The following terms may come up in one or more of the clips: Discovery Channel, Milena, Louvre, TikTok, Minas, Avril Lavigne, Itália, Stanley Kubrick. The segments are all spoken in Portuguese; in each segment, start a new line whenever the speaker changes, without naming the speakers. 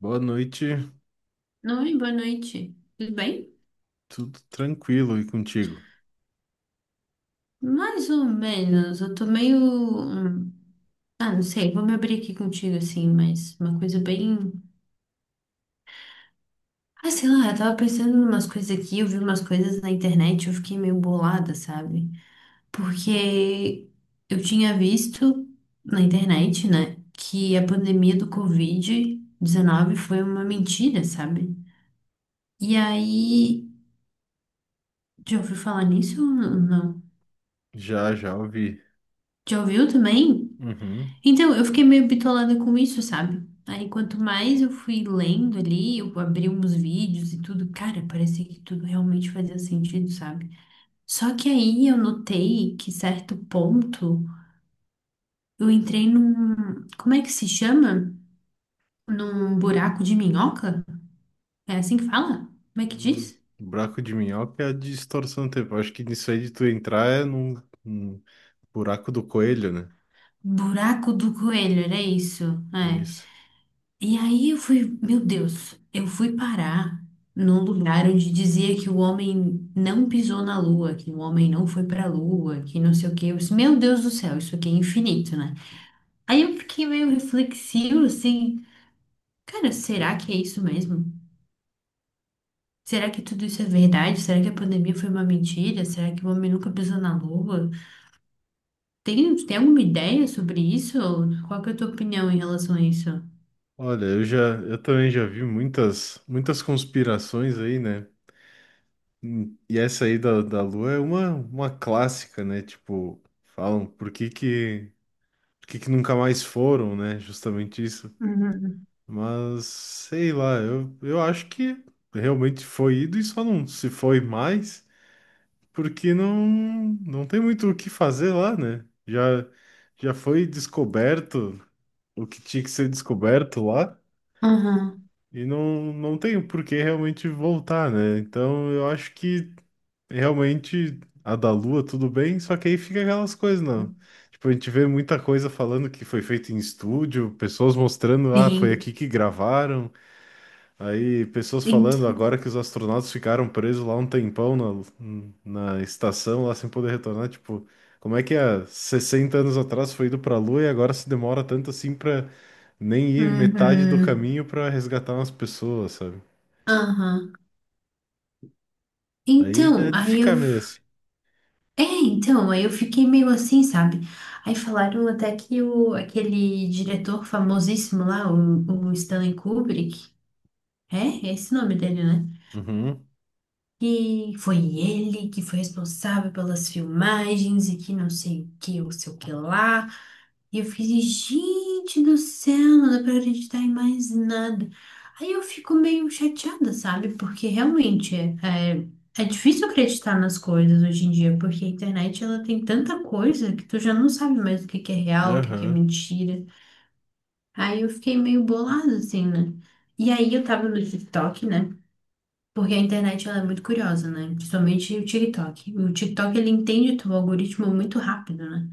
Boa noite,
Oi, boa noite. Tudo bem?
tudo tranquilo e contigo?
Mais ou menos. Eu tô meio. Ah, não sei, vou me abrir aqui contigo, assim, mas uma coisa bem. Ah, sei lá, eu tava pensando em umas coisas aqui, eu vi umas coisas na internet, eu fiquei meio bolada, sabe? Porque eu tinha visto na internet, né, que a pandemia do Covid-19 foi uma mentira, sabe? E aí. Já ouviu falar nisso ou não?
Já, já ouvi.
Já ouviu também?
Uhum.
Então, eu fiquei meio bitolada com isso, sabe? Aí, quanto mais eu fui lendo ali, eu abri uns vídeos e tudo, cara, parecia que tudo realmente fazia sentido, sabe? Só que aí eu notei que, certo ponto, eu entrei num. Como é que se chama? Num buraco de minhoca? É assim que fala? Como é que
Hum,
diz?
Buraco de minhoca é a distorção do tempo. Acho que nisso aí de tu entrar é num buraco do coelho, né?
Buraco do coelho, era isso.
É
É.
isso.
E aí eu fui, meu Deus, eu fui parar num lugar onde dizia que o homem não pisou na lua, que o homem não foi pra lua, que não sei o quê. Eu disse, meu Deus do céu, isso aqui é infinito, né? Aí eu fiquei meio reflexivo, assim, cara, será que é isso mesmo? Será que tudo isso é verdade? Será que a pandemia foi uma mentira? Será que o homem nunca pisou na lua? Tem alguma ideia sobre isso? Qual que é a tua opinião em relação a isso?
Olha, eu já, eu também já vi muitas, muitas conspirações aí, né? E essa aí da Lua é uma clássica, né? Tipo, falam por que que nunca mais foram, né? Justamente isso.
Uhum.
Mas sei lá, eu acho que realmente foi ido e só não se foi mais, porque não, não tem muito o que fazer lá, né? Já, já foi descoberto o que tinha que ser descoberto lá,
Aham.
e não tem por que realmente voltar, né? Então eu acho que realmente a da Lua tudo bem, só que aí fica aquelas coisas, não. Tipo, a gente vê muita coisa falando que foi feito em estúdio, pessoas mostrando, ah, foi
Sim.
aqui que gravaram. Aí, pessoas falando
Então.
agora que os astronautas ficaram presos lá um tempão na estação, lá sem poder retornar. Tipo, como é que há 60 anos atrás foi ido pra Lua e agora se demora tanto assim pra nem ir metade do
Uhum.
caminho pra resgatar umas pessoas, sabe?
Aham.
Aí
Então,
é de
aí eu.
ficar meio assim.
É, então, aí eu fiquei meio assim, sabe? Aí falaram até que o, aquele diretor famosíssimo lá, o Stanley Kubrick, é? É esse o nome dele, né?
Uhum,
Que foi ele que foi responsável pelas filmagens e que não sei o que, ou sei o que lá. E eu fiz, gente do céu, não dá pra acreditar em mais nada. Aí eu fico meio chateada, sabe? Porque realmente é, é, é difícil acreditar nas coisas hoje em dia, porque a internet ela tem tanta coisa que tu já não sabe mais o que que é real, o que que é
aham,
mentira. Aí eu fiquei meio bolada, assim, né? E aí eu tava no TikTok, né? Porque a internet ela é muito curiosa, né? Principalmente o TikTok. O TikTok ele entende teu algoritmo muito rápido, né?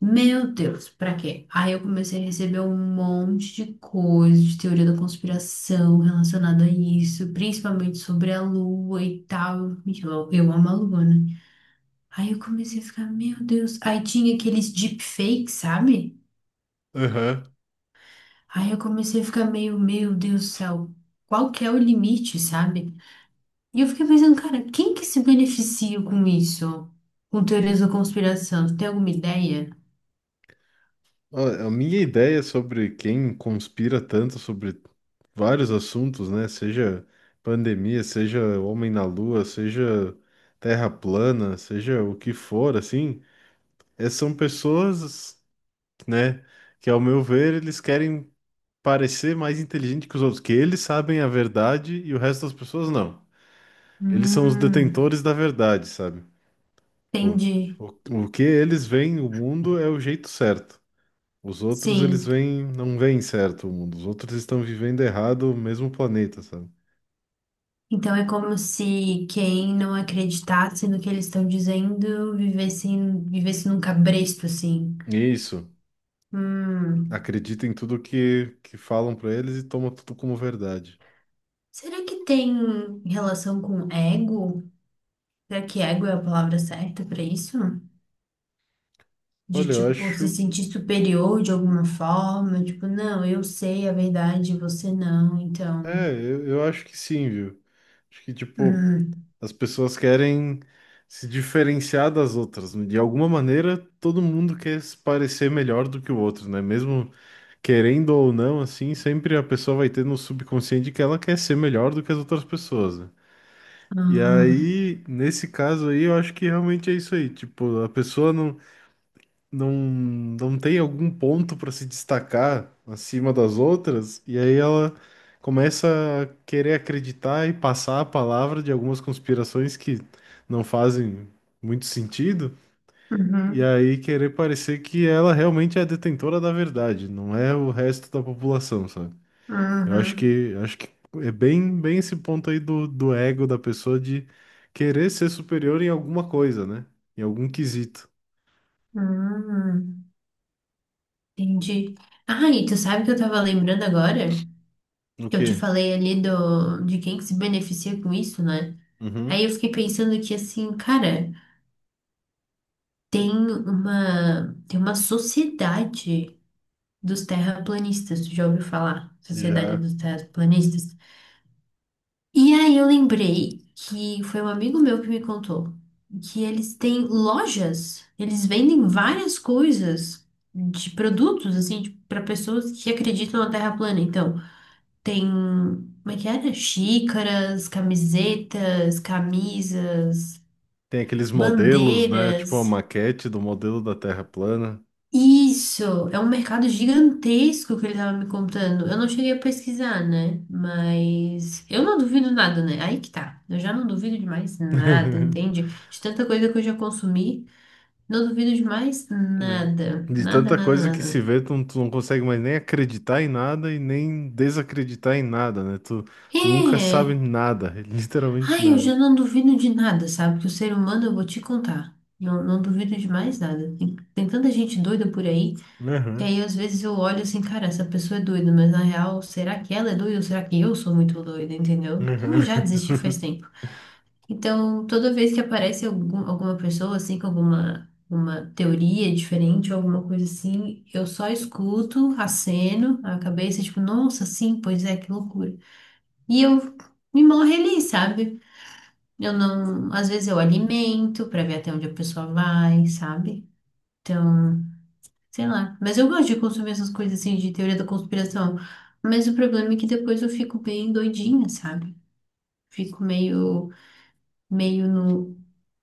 Meu Deus, pra quê? Aí eu comecei a receber um monte de coisa de teoria da conspiração relacionada a isso, principalmente sobre a lua e tal. E eu amo a lua, né? Aí eu comecei a ficar, meu Deus. Aí tinha aqueles deepfakes, sabe?
aham.
Aí eu comecei a ficar meio, meu Deus do céu, qual que é o limite, sabe? E eu fiquei pensando, cara, quem que se beneficia com isso? Com teorias da conspiração? Você tem alguma ideia?
Ó, a minha ideia sobre quem conspira tanto sobre vários assuntos, né? Seja pandemia, seja homem na lua, seja terra plana, seja o que for, assim, é, são pessoas, né, que ao meu ver, eles querem parecer mais inteligente que os outros, que eles sabem a verdade e o resto das pessoas não. Eles são os
Hum,
detentores da verdade, sabe? Pô,
entendi.
o, o que eles veem o mundo é o jeito certo. Os outros, eles
Sim.
veem, não veem certo o mundo. Os outros estão vivendo errado o mesmo planeta, sabe?
Então é como se quem não acreditasse no que eles estão dizendo vivesse, vivesse num cabresto, assim.
Isso.
Hum.
Acredita em tudo que falam pra eles e toma tudo como verdade.
Será que tem relação com ego? Será que ego é a palavra certa para isso? De,
Olha, eu
tipo, se
acho.
sentir superior de alguma forma? Tipo, não, eu sei a verdade, você não, então.
Eu acho que sim, viu? Acho que, tipo,
Hum,
as pessoas querem se diferenciar das outras. De alguma maneira, todo mundo quer se parecer melhor do que o outro, né? Mesmo querendo ou não, assim, sempre a pessoa vai ter no subconsciente que ela quer ser melhor do que as outras pessoas, né? E
ah,
aí, nesse caso aí, eu acho que realmente é isso aí. Tipo, a pessoa não. Não tem algum ponto para se destacar acima das outras, e aí ela começa a querer acreditar e passar a palavra de algumas conspirações que não fazem muito sentido, e
uhum,
aí querer parecer que ela realmente é a detentora da verdade, não é o resto da população, sabe? Eu
uhum,
acho que é bem esse ponto aí do ego da pessoa de querer ser superior em alguma coisa, né? Em algum quesito.
uhum, entendi. Ah, e tu sabe que eu tava lembrando agora?
O
Que eu te
quê?
falei ali do, de quem que se beneficia com isso, né? Aí
Uhum.
eu fiquei pensando que, assim, cara, tem uma sociedade dos terraplanistas, tu já ouviu falar? Sociedade
Já.
dos terraplanistas. E aí eu lembrei que foi um amigo meu que me contou que eles têm lojas, eles vendem várias coisas de produtos assim para pessoas que acreditam na Terra plana. Então, tem, como é que era? Xícaras, camisetas, camisas,
Tem aqueles modelos, né? Tipo a
bandeiras.
maquete do modelo da Terra plana.
Isso, é um mercado gigantesco que ele tava me contando. Eu não cheguei a pesquisar, né? Mas eu não duvido nada, né? Aí que tá. Eu já não duvido de mais nada, entende? De tanta coisa que eu já consumi, não duvido de mais
É.
nada.
De
Nada,
tanta
nada,
coisa que se
nada.
vê, tu não consegue mais nem acreditar em nada e nem desacreditar em nada, né? Tu, tu nunca sabe
É.
nada, literalmente
Ai, eu
nada.
já não duvido de nada, sabe? Que o ser humano eu vou te contar. Não, não duvido de mais nada. Tem tanta gente doida por aí. E
Uhum,
aí, às vezes eu olho assim, cara, essa pessoa é doida, mas na real, será que ela é doida ou será que eu sou muito doida, entendeu? Então, eu já desisti faz
uhum.
tempo. Então, toda vez que aparece alguma pessoa, assim, com alguma uma teoria diferente ou alguma coisa assim, eu só escuto, aceno a cabeça, tipo, nossa, sim, pois é, que loucura. E eu me morro ali, sabe? Eu não, às vezes eu alimento pra ver até onde a pessoa vai, sabe? Então. Sei lá. Mas eu gosto de consumir essas coisas assim de teoria da conspiração. Mas o problema é que depois eu fico bem doidinha, sabe? Fico meio, meio no.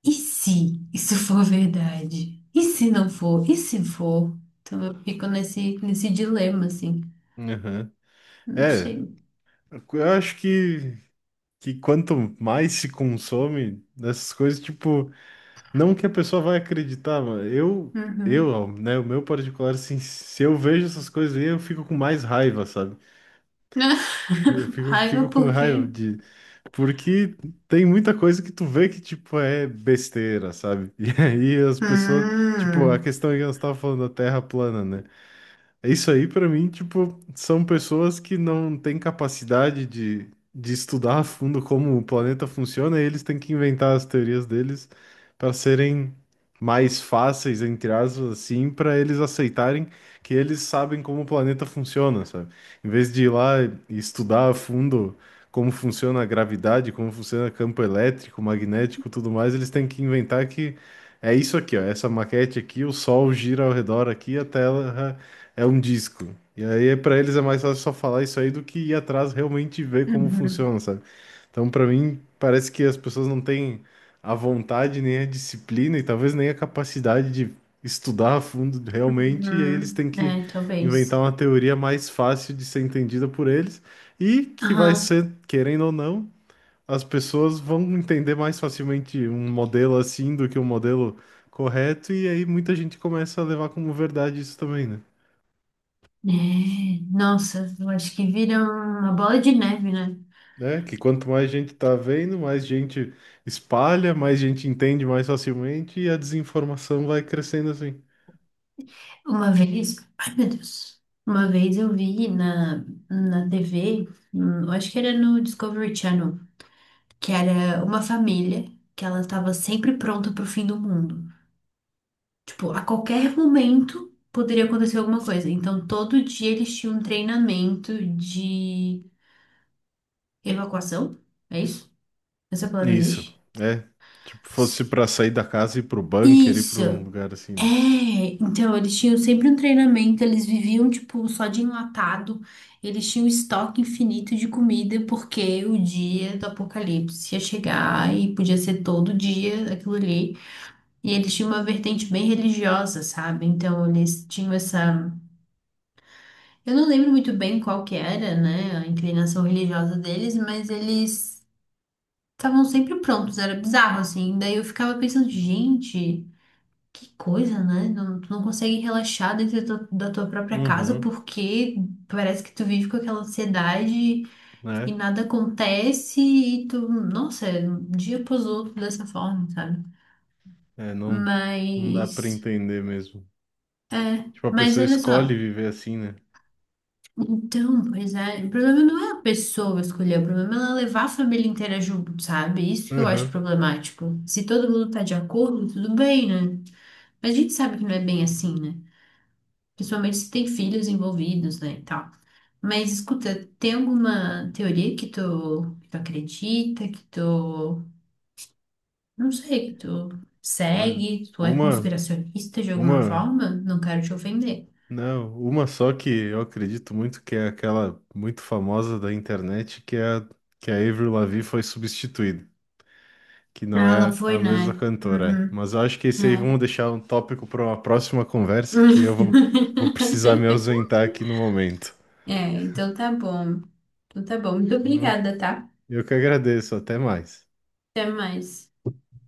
E se isso for verdade? E se não for? E se for? Então eu fico nesse dilema, assim.
Uhum.
Não
É,
sei.
eu acho que quanto mais se consome dessas coisas, tipo. Não que a pessoa vai acreditar, mano.
Uhum.
Ó, né, o meu particular, assim, se eu vejo essas coisas aí, eu fico com mais raiva, sabe?
Raiva
Fico com
por
raiva
quê?
de. Porque tem muita coisa que tu vê que, tipo, é besteira, sabe? E aí as pessoas. Tipo, a
Hum.
questão é que nós estávamos falando da Terra plana, né? É isso aí, pra mim, tipo, são pessoas que não têm capacidade de estudar a fundo como o planeta funciona e eles têm que inventar as teorias deles para serem mais fáceis, entre aspas, assim, para eles aceitarem que eles sabem como o planeta funciona, sabe? Em vez de ir lá e estudar a fundo como funciona a gravidade, como funciona campo elétrico, magnético, tudo mais, eles têm que inventar que é isso aqui, ó, essa maquete aqui, o Sol gira ao redor aqui, a Terra é um disco. E aí, pra eles é mais fácil só falar isso aí do que ir atrás realmente e ver como
Uhum.
funciona, sabe? Então, pra mim, parece que as pessoas não têm a vontade, nem a disciplina e talvez nem a capacidade de estudar a fundo realmente. E aí, eles
Uhum.
têm que
É, talvez.
inventar uma teoria mais fácil de ser entendida por eles e que vai
Aham.
ser, querendo ou não, as pessoas vão entender mais facilmente um modelo assim do que um modelo correto. E aí, muita gente começa a levar como verdade isso também, né?
É, nossa, eu acho que vira uma bola de neve, né?
Né? Que quanto mais gente tá vendo, mais gente espalha, mais gente entende mais facilmente e a desinformação vai crescendo assim.
Uma vez, ai meu Deus, uma vez eu vi na, na TV, eu acho que era no Discovery Channel, que era uma família que ela estava sempre pronta pro fim do mundo. Tipo, a qualquer momento poderia acontecer alguma coisa. Então, todo dia eles tinham um treinamento de evacuação, é isso? Essa palavra
Isso,
existe?
é. Tipo, fosse para sair da casa e ir pro bunker, ir para um
Isso!
lugar assim,
É,
né?
então eles tinham sempre um treinamento, eles viviam tipo só de enlatado, eles tinham estoque infinito de comida porque o dia do apocalipse ia chegar e podia ser todo dia aquilo ali. E eles tinham uma vertente bem religiosa, sabe? Então eles tinham essa, eu não lembro muito bem qual que era, né, a inclinação religiosa deles, mas eles estavam sempre prontos, era bizarro assim. Daí eu ficava pensando, gente, que coisa, né? Não, tu não consegue relaxar dentro da tua própria casa
Uhum,
porque parece que tu vive com aquela ansiedade e
né?
nada acontece e tu, nossa, é um dia após outro dessa forma, sabe?
É, não dá para
Mas,
entender mesmo.
é,
Tipo, a
mas
pessoa
olha
escolhe
só.
viver assim, né?
Então, pois é, o problema não é a pessoa escolher, o problema é ela levar a família inteira junto, sabe? Isso que eu acho
Uhum.
problemático. Se todo mundo tá de acordo, tudo bem, né? Mas a gente sabe que não é bem assim, né? Principalmente se tem filhos envolvidos, né, e tal. Mas escuta, tem alguma teoria que tu acredita, que tu, não sei, que tu
Olha,
segue, tu é
uma,
conspiracionista de alguma
uma,
forma? Não quero te ofender.
não, uma só que eu acredito muito que é aquela muito famosa da internet, que é que a Avril Lavigne foi substituída. Que não
Ah, ela
é
foi,
a mesma
né?
cantora. É.
Uhum.
Mas eu acho que esse aí
Né?
vamos deixar um tópico para uma próxima conversa, vou precisar me ausentar aqui no momento.
É, então tá bom. Então tá bom. Muito
Então,
obrigada, tá?
eu que agradeço, até mais.
Até mais.